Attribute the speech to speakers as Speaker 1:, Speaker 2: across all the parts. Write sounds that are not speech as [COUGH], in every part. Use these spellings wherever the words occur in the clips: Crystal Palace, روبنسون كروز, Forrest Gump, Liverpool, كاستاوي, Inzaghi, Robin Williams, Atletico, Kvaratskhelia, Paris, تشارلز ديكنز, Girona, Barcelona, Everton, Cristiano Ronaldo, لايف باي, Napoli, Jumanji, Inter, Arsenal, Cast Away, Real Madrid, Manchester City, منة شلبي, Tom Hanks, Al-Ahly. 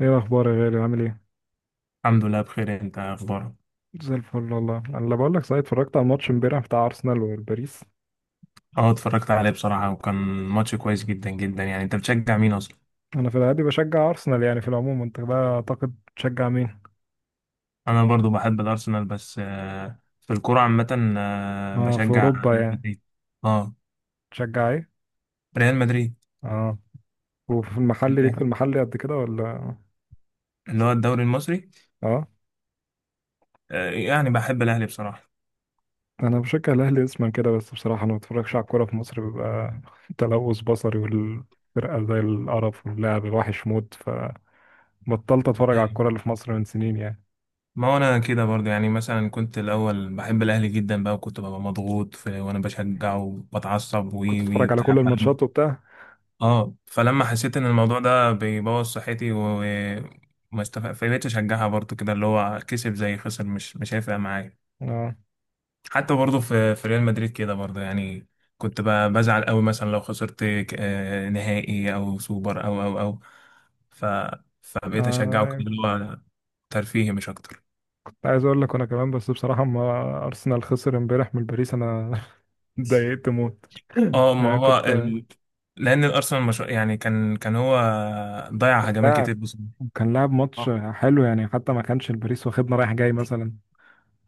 Speaker 1: ايه الاخبار يا غالي عامل ايه؟
Speaker 2: الحمد لله بخير. انت إيه اخبارك؟
Speaker 1: زي الفل والله. انا لا بقول لك صحيح، اتفرجت على الماتش امبارح بتاع ارسنال وباريس.
Speaker 2: اه اتفرجت عليه بصراحة، وكان ماتش كويس جدا جدا. يعني انت بتشجع مين اصلا؟
Speaker 1: انا في العادي بشجع ارسنال، يعني في العموم. انت بقى اعتقد تشجع مين؟
Speaker 2: انا برضو بحب الارسنال، بس في الكرة عامة
Speaker 1: ما في
Speaker 2: بشجع
Speaker 1: اوروبا
Speaker 2: ريال
Speaker 1: يعني
Speaker 2: مدريد. اه.
Speaker 1: تشجع ايه؟
Speaker 2: ريال مدريد.
Speaker 1: اه. وفي المحل
Speaker 2: انت
Speaker 1: ليك في
Speaker 2: إيه؟
Speaker 1: المحل قد كده ولا؟
Speaker 2: اللي هو الدوري المصري.
Speaker 1: اه.
Speaker 2: يعني بحب الاهلي بصراحة.
Speaker 1: انا بشجع الاهلي اسما كده، بس بصراحه انا ما بتفرجش على الكوره في مصر، بيبقى [LAUGHS] تلوث بصري، والفرقه زي القرف واللعب الوحش موت. فبطلت اتفرج على
Speaker 2: ايوه.
Speaker 1: الكوره اللي في مصر من سنين يعني.
Speaker 2: ما هو انا كده برضو، يعني مثلا كنت الاول بحب الاهلي جدا بقى، وكنت ببقى مضغوط في وانا بشجعه وبتعصب
Speaker 1: كنت
Speaker 2: وي وي
Speaker 1: اتفرج على
Speaker 2: بتاع.
Speaker 1: كل الماتشات وبتاع.
Speaker 2: اه، فلما حسيت ان الموضوع ده بيبوظ صحتي وما استفق، فبقيت اشجعها برضو كده اللي هو كسب زي خسر، مش هيفرق معايا.
Speaker 1: اه
Speaker 2: حتى برضو في ريال مدريد كده برضو، يعني كنت بزعل قوي مثلا لو خسرت نهائي او سوبر او ف فبقيت اشجعه كده
Speaker 1: آه،
Speaker 2: اللي هو ترفيهي مش اكتر.
Speaker 1: عايز اقول لك انا كمان، بس بصراحه اما ارسنال خسر امبارح من باريس انا [LAUGHS] اتضايقت موت.
Speaker 2: اه، ما
Speaker 1: يعني
Speaker 2: هو
Speaker 1: كنت
Speaker 2: ال... لان الارسنال مش... يعني كان هو ضيع هجمات
Speaker 1: لاعب.
Speaker 2: كتير. بس
Speaker 1: كان لاعب ماتش حلو يعني، حتى ما كانش الباريس واخدنا رايح جاي مثلا.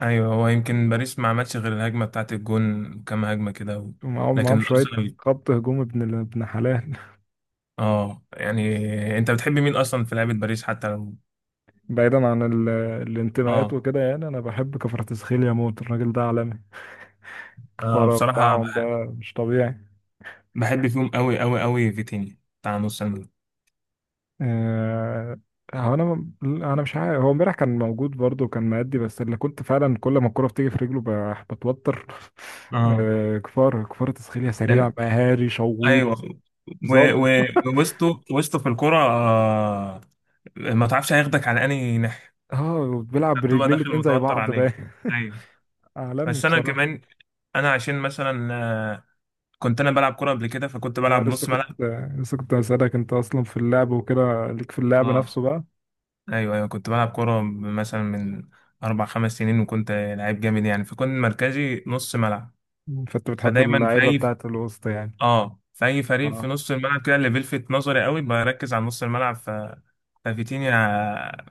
Speaker 2: ايوه، هو يمكن باريس ما عملش غير الهجمه بتاعت الجون، كام هجمه كده و...
Speaker 1: ومعاهم
Speaker 2: لكن
Speaker 1: معاهم شويه
Speaker 2: الارسنال
Speaker 1: خط هجوم ابن ابن حلال.
Speaker 2: اه يعني. انت بتحب مين اصلا في لعبه باريس حتى لو
Speaker 1: [LAUGHS] بعيدا عن الانتماءات
Speaker 2: اه؟
Speaker 1: وكده، يعني انا بحب كفرتسخيليا موت، الراجل ده عالمي. الكفاره
Speaker 2: بصراحه
Speaker 1: بتاعهم ده مش طبيعي.
Speaker 2: بحب فيهم قوي قوي قوي فيتينيا بتاع نص الملعب.
Speaker 1: آه، هو انا مش عارف، هو امبارح كان موجود برضه وكان مأدي، بس اللي كنت فعلا كل ما الكرة بتيجي في رجله بتوتر [LAUGHS]
Speaker 2: اه،
Speaker 1: كفار تسخيلية سريع
Speaker 2: لان
Speaker 1: مهاري
Speaker 2: ايوه
Speaker 1: شويط
Speaker 2: و...
Speaker 1: ظالم.
Speaker 2: و... وسطه وسطه في الكوره آه... ما تعرفش هياخدك على انهي ناحيه.
Speaker 1: اه بيلعب
Speaker 2: بتبقى
Speaker 1: برجلين
Speaker 2: داخل
Speaker 1: الاتنين زي
Speaker 2: متوتر
Speaker 1: بعض بقى.
Speaker 2: عليه.
Speaker 1: [LAUGHS]
Speaker 2: ايوه.
Speaker 1: عالمي
Speaker 2: بس انا
Speaker 1: بصراحة.
Speaker 2: كمان انا عشان مثلا كنت انا بلعب كوره قبل كده، فكنت بلعب
Speaker 1: اه لسه
Speaker 2: نص
Speaker 1: كنت
Speaker 2: ملعب.
Speaker 1: هسألك انت اصلا في اللعب وكده، ليك في اللعب
Speaker 2: اه،
Speaker 1: نفسه بقى؟
Speaker 2: ايوه ايوه، كنت بلعب كوره مثلا من اربع خمس سنين، وكنت لعيب جامد يعني، فكنت مركزي نص ملعب.
Speaker 1: فانت بتحب
Speaker 2: فدايما في
Speaker 1: اللعيبة
Speaker 2: اي
Speaker 1: بتاعت الوسط يعني.
Speaker 2: اه، في اي فريق في
Speaker 1: آه.
Speaker 2: نص الملعب كده اللي بيلفت نظري قوي بركز على نص الملعب. ففيتينيا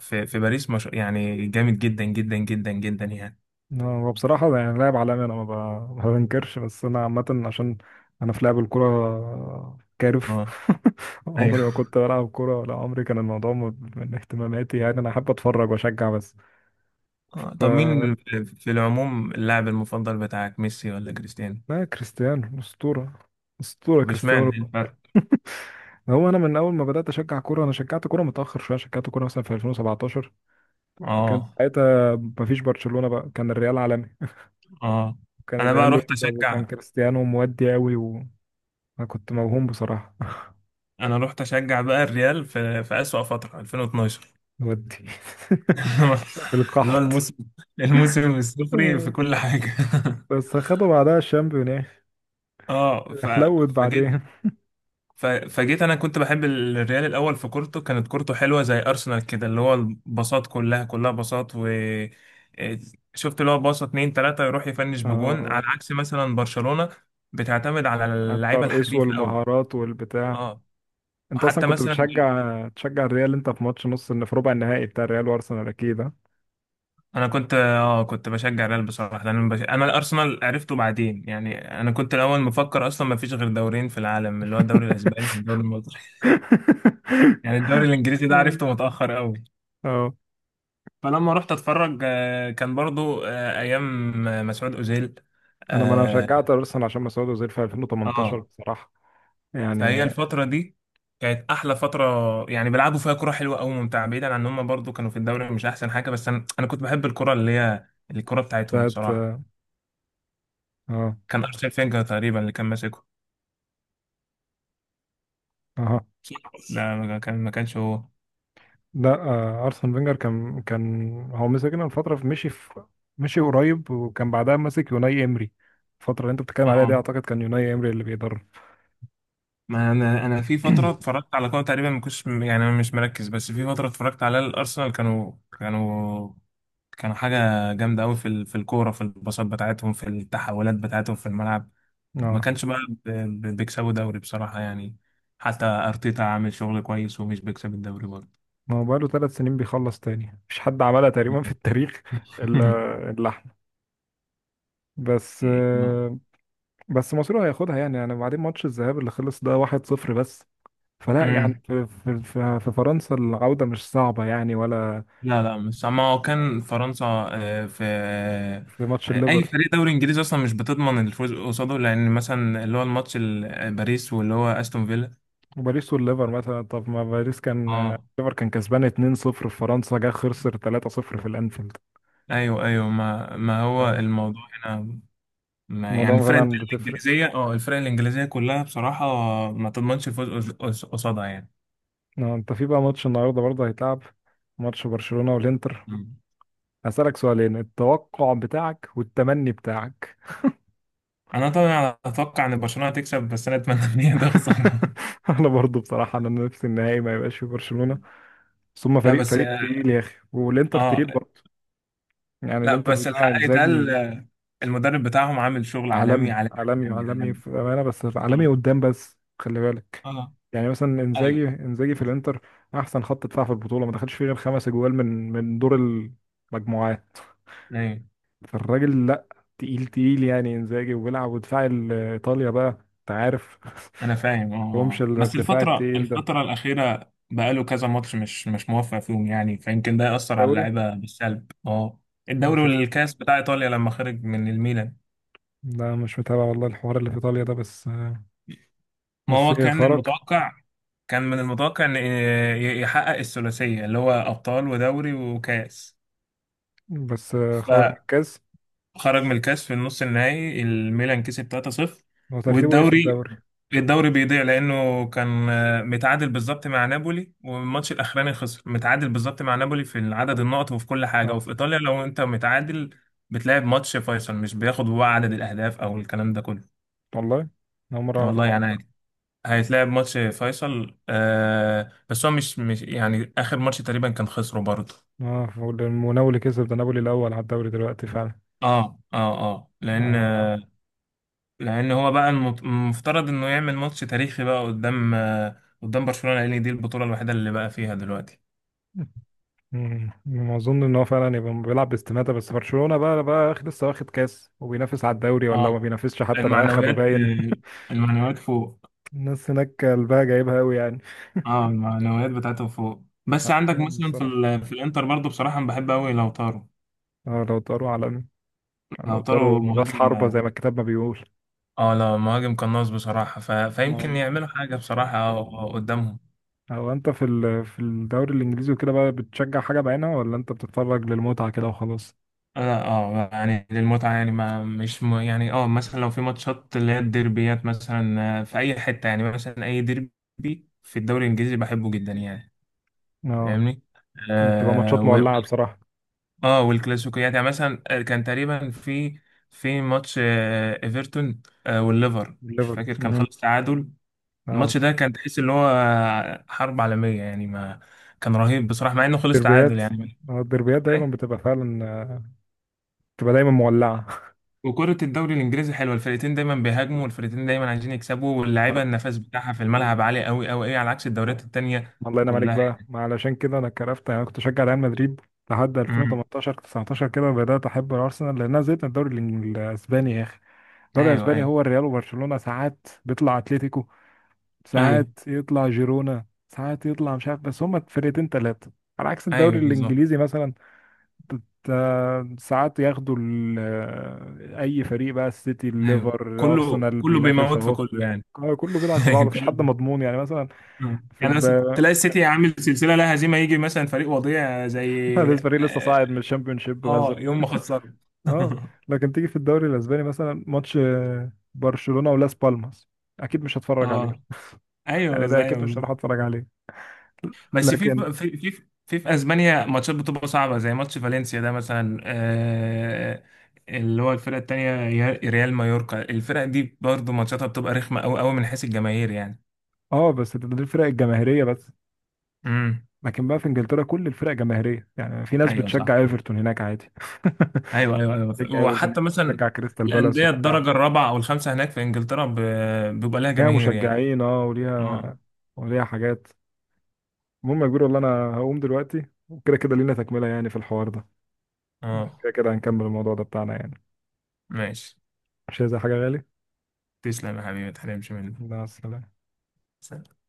Speaker 2: في باريس مش... يعني جامد جدا جدا جدا جدا يعني.
Speaker 1: هو بصراحة يعني لاعب عالمي، أنا ما بنكرش، بس أنا عامة عشان أنا في لعب الكورة كارف
Speaker 2: اه
Speaker 1: [LAUGHS] عمري ما
Speaker 2: ايوه.
Speaker 1: كنت بلعب كورة ولا عمري كان الموضوع من اهتماماتي، يعني أنا أحب أتفرج وأشجع بس.
Speaker 2: اه، طب مين
Speaker 1: ف
Speaker 2: في العموم اللاعب المفضل بتاعك، ميسي ولا كريستيانو؟
Speaker 1: لا كريستيانو أسطورة. أسطورة
Speaker 2: طب
Speaker 1: كريستيانو
Speaker 2: اشمعنى؟ إيه
Speaker 1: رونالدو.
Speaker 2: الفرق؟
Speaker 1: هو أنا من أول ما بدأت أشجع كورة، أنا شجعت كورة متأخر شوية، شجعت كورة مثلا في 2017. كان
Speaker 2: اه
Speaker 1: ساعتها مفيش برشلونة بقى، كان الريال عالمي.
Speaker 2: اه.
Speaker 1: كان
Speaker 2: انا بقى
Speaker 1: الريال
Speaker 2: رحت
Speaker 1: يكسب
Speaker 2: اشجع.
Speaker 1: وكان كريستيانو مودي أوي، وأنا كنت موهوم بصراحة.
Speaker 2: انا رحت اشجع بقى الريال في اسوأ فترة 2012،
Speaker 1: ودي [LAUGHS] في
Speaker 2: [LAUGHS] اللي هو
Speaker 1: القحط.
Speaker 2: الموسم، الموسم الصفري في
Speaker 1: آه،
Speaker 2: كل حاجة. [LAUGHS]
Speaker 1: بس خدوا بعدها الشامبيون.
Speaker 2: اه ف...
Speaker 1: حلوت بعدين.
Speaker 2: فجيت. ف... فجيت. انا كنت بحب الريال الاول في كورته، كانت كورته حلوة زي ارسنال كده، اللي هو الباصات كلها كلها باصات، و إيه، شفت اللي هو باصة اتنين تلاتة يروح يفنش
Speaker 1: اه
Speaker 2: بجون، على
Speaker 1: آه.
Speaker 2: عكس مثلا برشلونة بتعتمد على
Speaker 1: على
Speaker 2: اللعيبة
Speaker 1: الترقيص
Speaker 2: الحريفة قوي.
Speaker 1: والمهارات والبتاع.
Speaker 2: اه،
Speaker 1: انت اصلا
Speaker 2: حتى
Speaker 1: كنت
Speaker 2: مثلا
Speaker 1: بتشجع الريال، انت في ماتش نص في ربع النهائي بتاع الريال وارسنال اكيد ها؟
Speaker 2: انا كنت اه كنت بشجع الريال بصراحه، لان انا الارسنال عرفته بعدين، يعني انا كنت الاول مفكر اصلا ما فيش غير دورين في العالم، اللي هو الدوري الاسباني والدوري المصري. [LAUGHS]
Speaker 1: [LAUGHS]
Speaker 2: يعني الدوري الانجليزي ده
Speaker 1: اه
Speaker 2: عرفته متاخر قوي.
Speaker 1: آه.
Speaker 2: فلما رحت اتفرج كان برضو ايام مسعود اوزيل.
Speaker 1: انا
Speaker 2: اه
Speaker 1: شجعت ارسنال عشان ما سعود اوزيل في 2018
Speaker 2: آه.
Speaker 1: بصراحة
Speaker 2: فهي
Speaker 1: يعني.
Speaker 2: الفتره دي كانت احلى فتره، يعني بيلعبوا فيها كره حلوه قوي ممتعه، بعيدا عن ان هم برضو كانوا في الدوري مش احسن حاجه، بس انا انا كنت بحب الكره اللي هي الكره بتاعتهم
Speaker 1: بتاعت
Speaker 2: بصراحه. كان ارسنال فينجر تقريبا اللي كان ماسكه.
Speaker 1: اه
Speaker 2: لا، ما كان، ما كانش هو.
Speaker 1: لا ارسن فينجر كان هو مسكنا فتره في مشي في مشي قريب، وكان بعدها ماسك يوناي امري. الفتره اللي انت بتتكلم عليها دي
Speaker 2: اه،
Speaker 1: اعتقد كان يوناي امري اللي بيدرب.
Speaker 2: ما انا انا في فتره اتفرجت على كوره تقريبا ما كنتش، يعني انا مش مركز، بس في فتره اتفرجت على الارسنال كانوا كانوا حاجه جامده قوي في ال- في الكوره، في الباصات بتاعتهم، في التحولات بتاعتهم في الملعب. ما
Speaker 1: اه
Speaker 2: كانش بقى بيكسبوا دوري بصراحه يعني. حتى ارتيتا عامل شغل كويس، ومش بيكسب الدوري برضه.
Speaker 1: ما هو بقاله 3 سنين بيخلص تاني، مفيش حد عملها تقريبا في التاريخ الا
Speaker 2: [LAUGHS]
Speaker 1: الا احنا. بس
Speaker 2: [LAUGHS]
Speaker 1: آه، بس مصر هياخدها يعني. بعدين ماتش الذهاب اللي خلص ده 1-0 بس، فلا يعني
Speaker 2: مم.
Speaker 1: في فرنسا العودة مش صعبة يعني ولا.
Speaker 2: لا لا مش، ما هو كان فرنسا في
Speaker 1: في ماتش
Speaker 2: اي
Speaker 1: الليفر
Speaker 2: فريق دوري انجليزي اصلا مش بتضمن الفوز قصاده، لان مثلا اللي هو الماتش باريس، واللي هو استون فيلا.
Speaker 1: وباريس، والليفر مثلا طب ما باريس، كان
Speaker 2: اه
Speaker 1: الليفر كان كسبان 2-0 في فرنسا، جه خسر 3-0 في الانفيلد.
Speaker 2: ايوه ايوه، ما ما هو الموضوع هنا ما، يعني
Speaker 1: الموضوع
Speaker 2: الفرق
Speaker 1: فعلا بتفرق.
Speaker 2: الانجليزيه اه، الفرق الانجليزيه كلها بصراحه ما تضمنش الفوز قصادها يعني.
Speaker 1: انت في بقى ماتش النهارده برضه هيتلعب، ماتش برشلونة والانتر.
Speaker 2: مم.
Speaker 1: هسألك سؤالين، التوقع بتاعك والتمني بتاعك.
Speaker 2: انا طبعا اتوقع ان برشلونه هتكسب، بس انا اتمنى ان هي تخسر. [LAUGHS]
Speaker 1: [LAUGHS] انا برضه بصراحة انا نفسي النهائي ما يبقاش في برشلونة، بس هما
Speaker 2: لا
Speaker 1: فريق
Speaker 2: بس
Speaker 1: فريق
Speaker 2: اه
Speaker 1: تقيل يا اخي، والانتر
Speaker 2: آه،
Speaker 1: تقيل برضه. يعني
Speaker 2: لا
Speaker 1: الانتر
Speaker 2: بس
Speaker 1: بتاع
Speaker 2: الحق يتقال
Speaker 1: انزاجي
Speaker 2: المدرب بتاعهم عامل شغل عالمي
Speaker 1: عالمي
Speaker 2: عالمي
Speaker 1: عالمي
Speaker 2: عالمي
Speaker 1: عالمي
Speaker 2: عالمي.
Speaker 1: في أمانة، بس عالمي
Speaker 2: اه
Speaker 1: قدام بس خلي بالك.
Speaker 2: اه
Speaker 1: يعني مثلا
Speaker 2: ايوه
Speaker 1: انزاجي في الانتر احسن خط دفاع في البطوله، ما دخلش فيه غير 5 اجوال من دور المجموعات.
Speaker 2: ايوه.
Speaker 1: فالراجل لا تقيل تقيل يعني انزاجي، وبيلعب ودفاع ايطاليا بقى انت عارف.
Speaker 2: انا فاهم اه
Speaker 1: [LAUGHS] مش
Speaker 2: آه. بس
Speaker 1: الدفاع
Speaker 2: الفترة،
Speaker 1: التقيل ده
Speaker 2: الفترة الأخيرة بقاله كذا ماتش مش موفق فيهم، يعني فيمكن ده يأثر على
Speaker 1: دوري.
Speaker 2: اللعيبة بالسلب. اه،
Speaker 1: ما
Speaker 2: الدوري
Speaker 1: شفت.
Speaker 2: والكاس بتاع إيطاليا لما خرج من الميلان.
Speaker 1: لا مش متابع والله الحوار اللي في ايطاليا ده بس.
Speaker 2: ما
Speaker 1: بس
Speaker 2: هو
Speaker 1: ايه
Speaker 2: كان
Speaker 1: خرج.
Speaker 2: المتوقع، كان من المتوقع إن يحقق الثلاثية، اللي هو أبطال ودوري وكاس.
Speaker 1: بس خرج من الكاس.
Speaker 2: خرج من الكاس في النص النهائي، الميلان كسب 3-0.
Speaker 1: هو ترتيبه ايه في
Speaker 2: والدوري،
Speaker 1: الدوري؟
Speaker 2: الدوري بيضيع لانه كان متعادل بالظبط مع نابولي، والماتش الاخراني خسر، متعادل بالظبط مع نابولي في عدد النقط وفي كل حاجه،
Speaker 1: اه
Speaker 2: وفي ايطاليا لو انت متعادل بتلعب ماتش فيصل، مش بياخد هو عدد الاهداف او الكلام ده كله.
Speaker 1: والله أنا اول مره اعرف
Speaker 2: والله يعني
Speaker 1: الموضوع.
Speaker 2: عادي، هيتلعب ماتش فيصل آه، بس هو مش، مش يعني اخر ماتش تقريبا كان خسره برضه.
Speaker 1: اه ونابولي كسب، ده نابولي الاول على الدوري دلوقتي فعلا.
Speaker 2: اه اه اه، لان
Speaker 1: آه.
Speaker 2: لان هو بقى المفترض انه يعمل ماتش تاريخي بقى قدام قدام برشلونة، لان دي البطولة الوحيدة اللي بقى فيها دلوقتي.
Speaker 1: مم. ما اظن ان هو فعلا يبقى بيلعب باستماتة، بس برشلونة لسه واخد كاس وبينافس على الدوري، ولا ما
Speaker 2: اه،
Speaker 1: بينافسش حتى ده اخده
Speaker 2: المعنويات،
Speaker 1: باين.
Speaker 2: المعنويات فوق.
Speaker 1: [LAUGHS] الناس هناك قلبها جايبها قوي يعني.
Speaker 2: اه، المعنويات بتاعته فوق. بس عندك
Speaker 1: حقهم
Speaker 2: مثلا في
Speaker 1: بصراحة.
Speaker 2: ال... في الانتر برضو بصراحة أنا بحب قوي لوتارو.
Speaker 1: اه لو طاروا عالمي، لو
Speaker 2: لوتارو
Speaker 1: طاروا راس
Speaker 2: مهاجم.
Speaker 1: حربة زي ما الكتاب ما بيقول.
Speaker 2: اه، لا مهاجم قناص بصراحة، ف... فيمكن
Speaker 1: آه.
Speaker 2: يعملوا حاجة بصراحة قدامهم.
Speaker 1: هو انت في الدوري الانجليزي وكده بقى بتشجع حاجة بعينها، ولا انت بتتفرج للمتعة كده وخلاص؟
Speaker 2: لا اه، يعني للمتعة، يعني ما مش م... يعني اه مثلا لو في ماتشات اللي هي الديربيات مثلا في أي حتة، يعني مثلا أي ديربي في الدوري الإنجليزي بحبه جدا يعني.
Speaker 1: اه
Speaker 2: فاهمني؟
Speaker 1: بتبقى
Speaker 2: آه
Speaker 1: ماتشات
Speaker 2: و...
Speaker 1: مولعة بصراحة.
Speaker 2: اه، والكلاسيكيات يعني، مثلا كان تقريبا في، في ماتش ايفرتون والليفر، مش
Speaker 1: الليفر.
Speaker 2: فاكر، كان خلص تعادل. الماتش ده كان تحس اللي هو حرب عالمية، يعني ما كان رهيب بصراحة مع انه خلص تعادل
Speaker 1: الدربيات.
Speaker 2: يعني.
Speaker 1: الدربيات دايما بتبقى فعلا، بتبقى دايما مولعه.
Speaker 2: وكرة الدوري الإنجليزي حلوة، الفرقتين دايما بيهاجموا، والفرقتين دايما عايزين يكسبوا، واللعيبة النفس بتاعها في الملعب عالي أوي أوي أوي، على عكس الدوريات التانية
Speaker 1: [LAUGHS] الله ينعم عليك
Speaker 2: كلها.
Speaker 1: بقى، ما علشان كده انا كرفت يعني. انا كنت بشجع ريال مدريد لحد
Speaker 2: امم.
Speaker 1: 2018 19 كده، بدات احب الارسنال لان انا زهقت من الدوري الاسباني يا اخي. الدوري
Speaker 2: أيوه
Speaker 1: الاسباني
Speaker 2: أيوه
Speaker 1: هو الريال وبرشلونه، ساعات بيطلع اتلتيكو،
Speaker 2: أيوه.
Speaker 1: ساعات يطلع جيرونا، ساعات يطلع مش عارف، بس هما فرقتين ثلاثه. على عكس الدوري
Speaker 2: أيوه بالظبط.
Speaker 1: الانجليزي مثلا ساعات ياخدوا اي فريق بقى، السيتي
Speaker 2: أيوه،
Speaker 1: الليفر
Speaker 2: كله
Speaker 1: الارسنال
Speaker 2: كله
Speaker 1: بينافس
Speaker 2: بيموت في
Speaker 1: اهو.
Speaker 2: كله يعني.
Speaker 1: كله بيلعب في بعضه
Speaker 2: [LAUGHS]
Speaker 1: مفيش
Speaker 2: كله.
Speaker 1: حد مضمون، يعني مثلا
Speaker 2: مم.
Speaker 1: في
Speaker 2: يعني
Speaker 1: الب...
Speaker 2: مثلا تلاقي السيتي عامل سلسلة لا هزيمة، يجي مثلا فريق وضيع
Speaker 1: [LAUGHS]
Speaker 2: زي
Speaker 1: لسه
Speaker 2: اه
Speaker 1: صاعد من الشامبيونشيب مثلا.
Speaker 2: يوم ما خسروا.
Speaker 1: اه
Speaker 2: [LAUGHS]
Speaker 1: لكن تيجي في الدوري الاسباني مثلا ماتش برشلونة ولاس بالماس اكيد مش هتفرج
Speaker 2: اه
Speaker 1: عليه،
Speaker 2: ايوه
Speaker 1: يعني ده اكيد
Speaker 2: ايوه.
Speaker 1: مش هروح اتفرج عليه.
Speaker 2: بس في
Speaker 1: لكن
Speaker 2: في في في في اسبانيا ماتشات بتبقى صعبه زي ماتش فالنسيا ده مثلا اللي هو الفرقه التانيه، ريال مايوركا، الفرق دي برضو ماتشاتها بتبقى رخمه قوي قوي من حيث الجماهير يعني.
Speaker 1: اه بس ده الفرق الجماهيريه بس.
Speaker 2: امم.
Speaker 1: لكن بقى في انجلترا كل الفرق جماهيريه، يعني في ناس
Speaker 2: ايوه صح.
Speaker 1: بتشجع ايفرتون هناك عادي.
Speaker 2: ايوه ايوه
Speaker 1: [LAUGHS]
Speaker 2: ايوه.
Speaker 1: تشجع ايفرتون
Speaker 2: وحتى مثلا
Speaker 1: تشجع كريستال بالاس
Speaker 2: الانديه
Speaker 1: وبتاع
Speaker 2: الدرجه الرابعه او الخامسه هناك في انجلترا بيبقى لها
Speaker 1: ليها
Speaker 2: جماهير يعني.
Speaker 1: مشجعين، اه وليها
Speaker 2: اه
Speaker 1: وليها حاجات. المهم يا كبير والله انا هقوم دلوقتي، وكده كده لينا تكملة يعني في الحوار ده،
Speaker 2: اه.
Speaker 1: كده كده هنكمل الموضوع ده بتاعنا يعني.
Speaker 2: ماشي.
Speaker 1: مش عايز أي حاجة غالي.
Speaker 2: تسلم يا حبيبي، ما تحرمش مني.
Speaker 1: مع السلامة.
Speaker 2: سلام.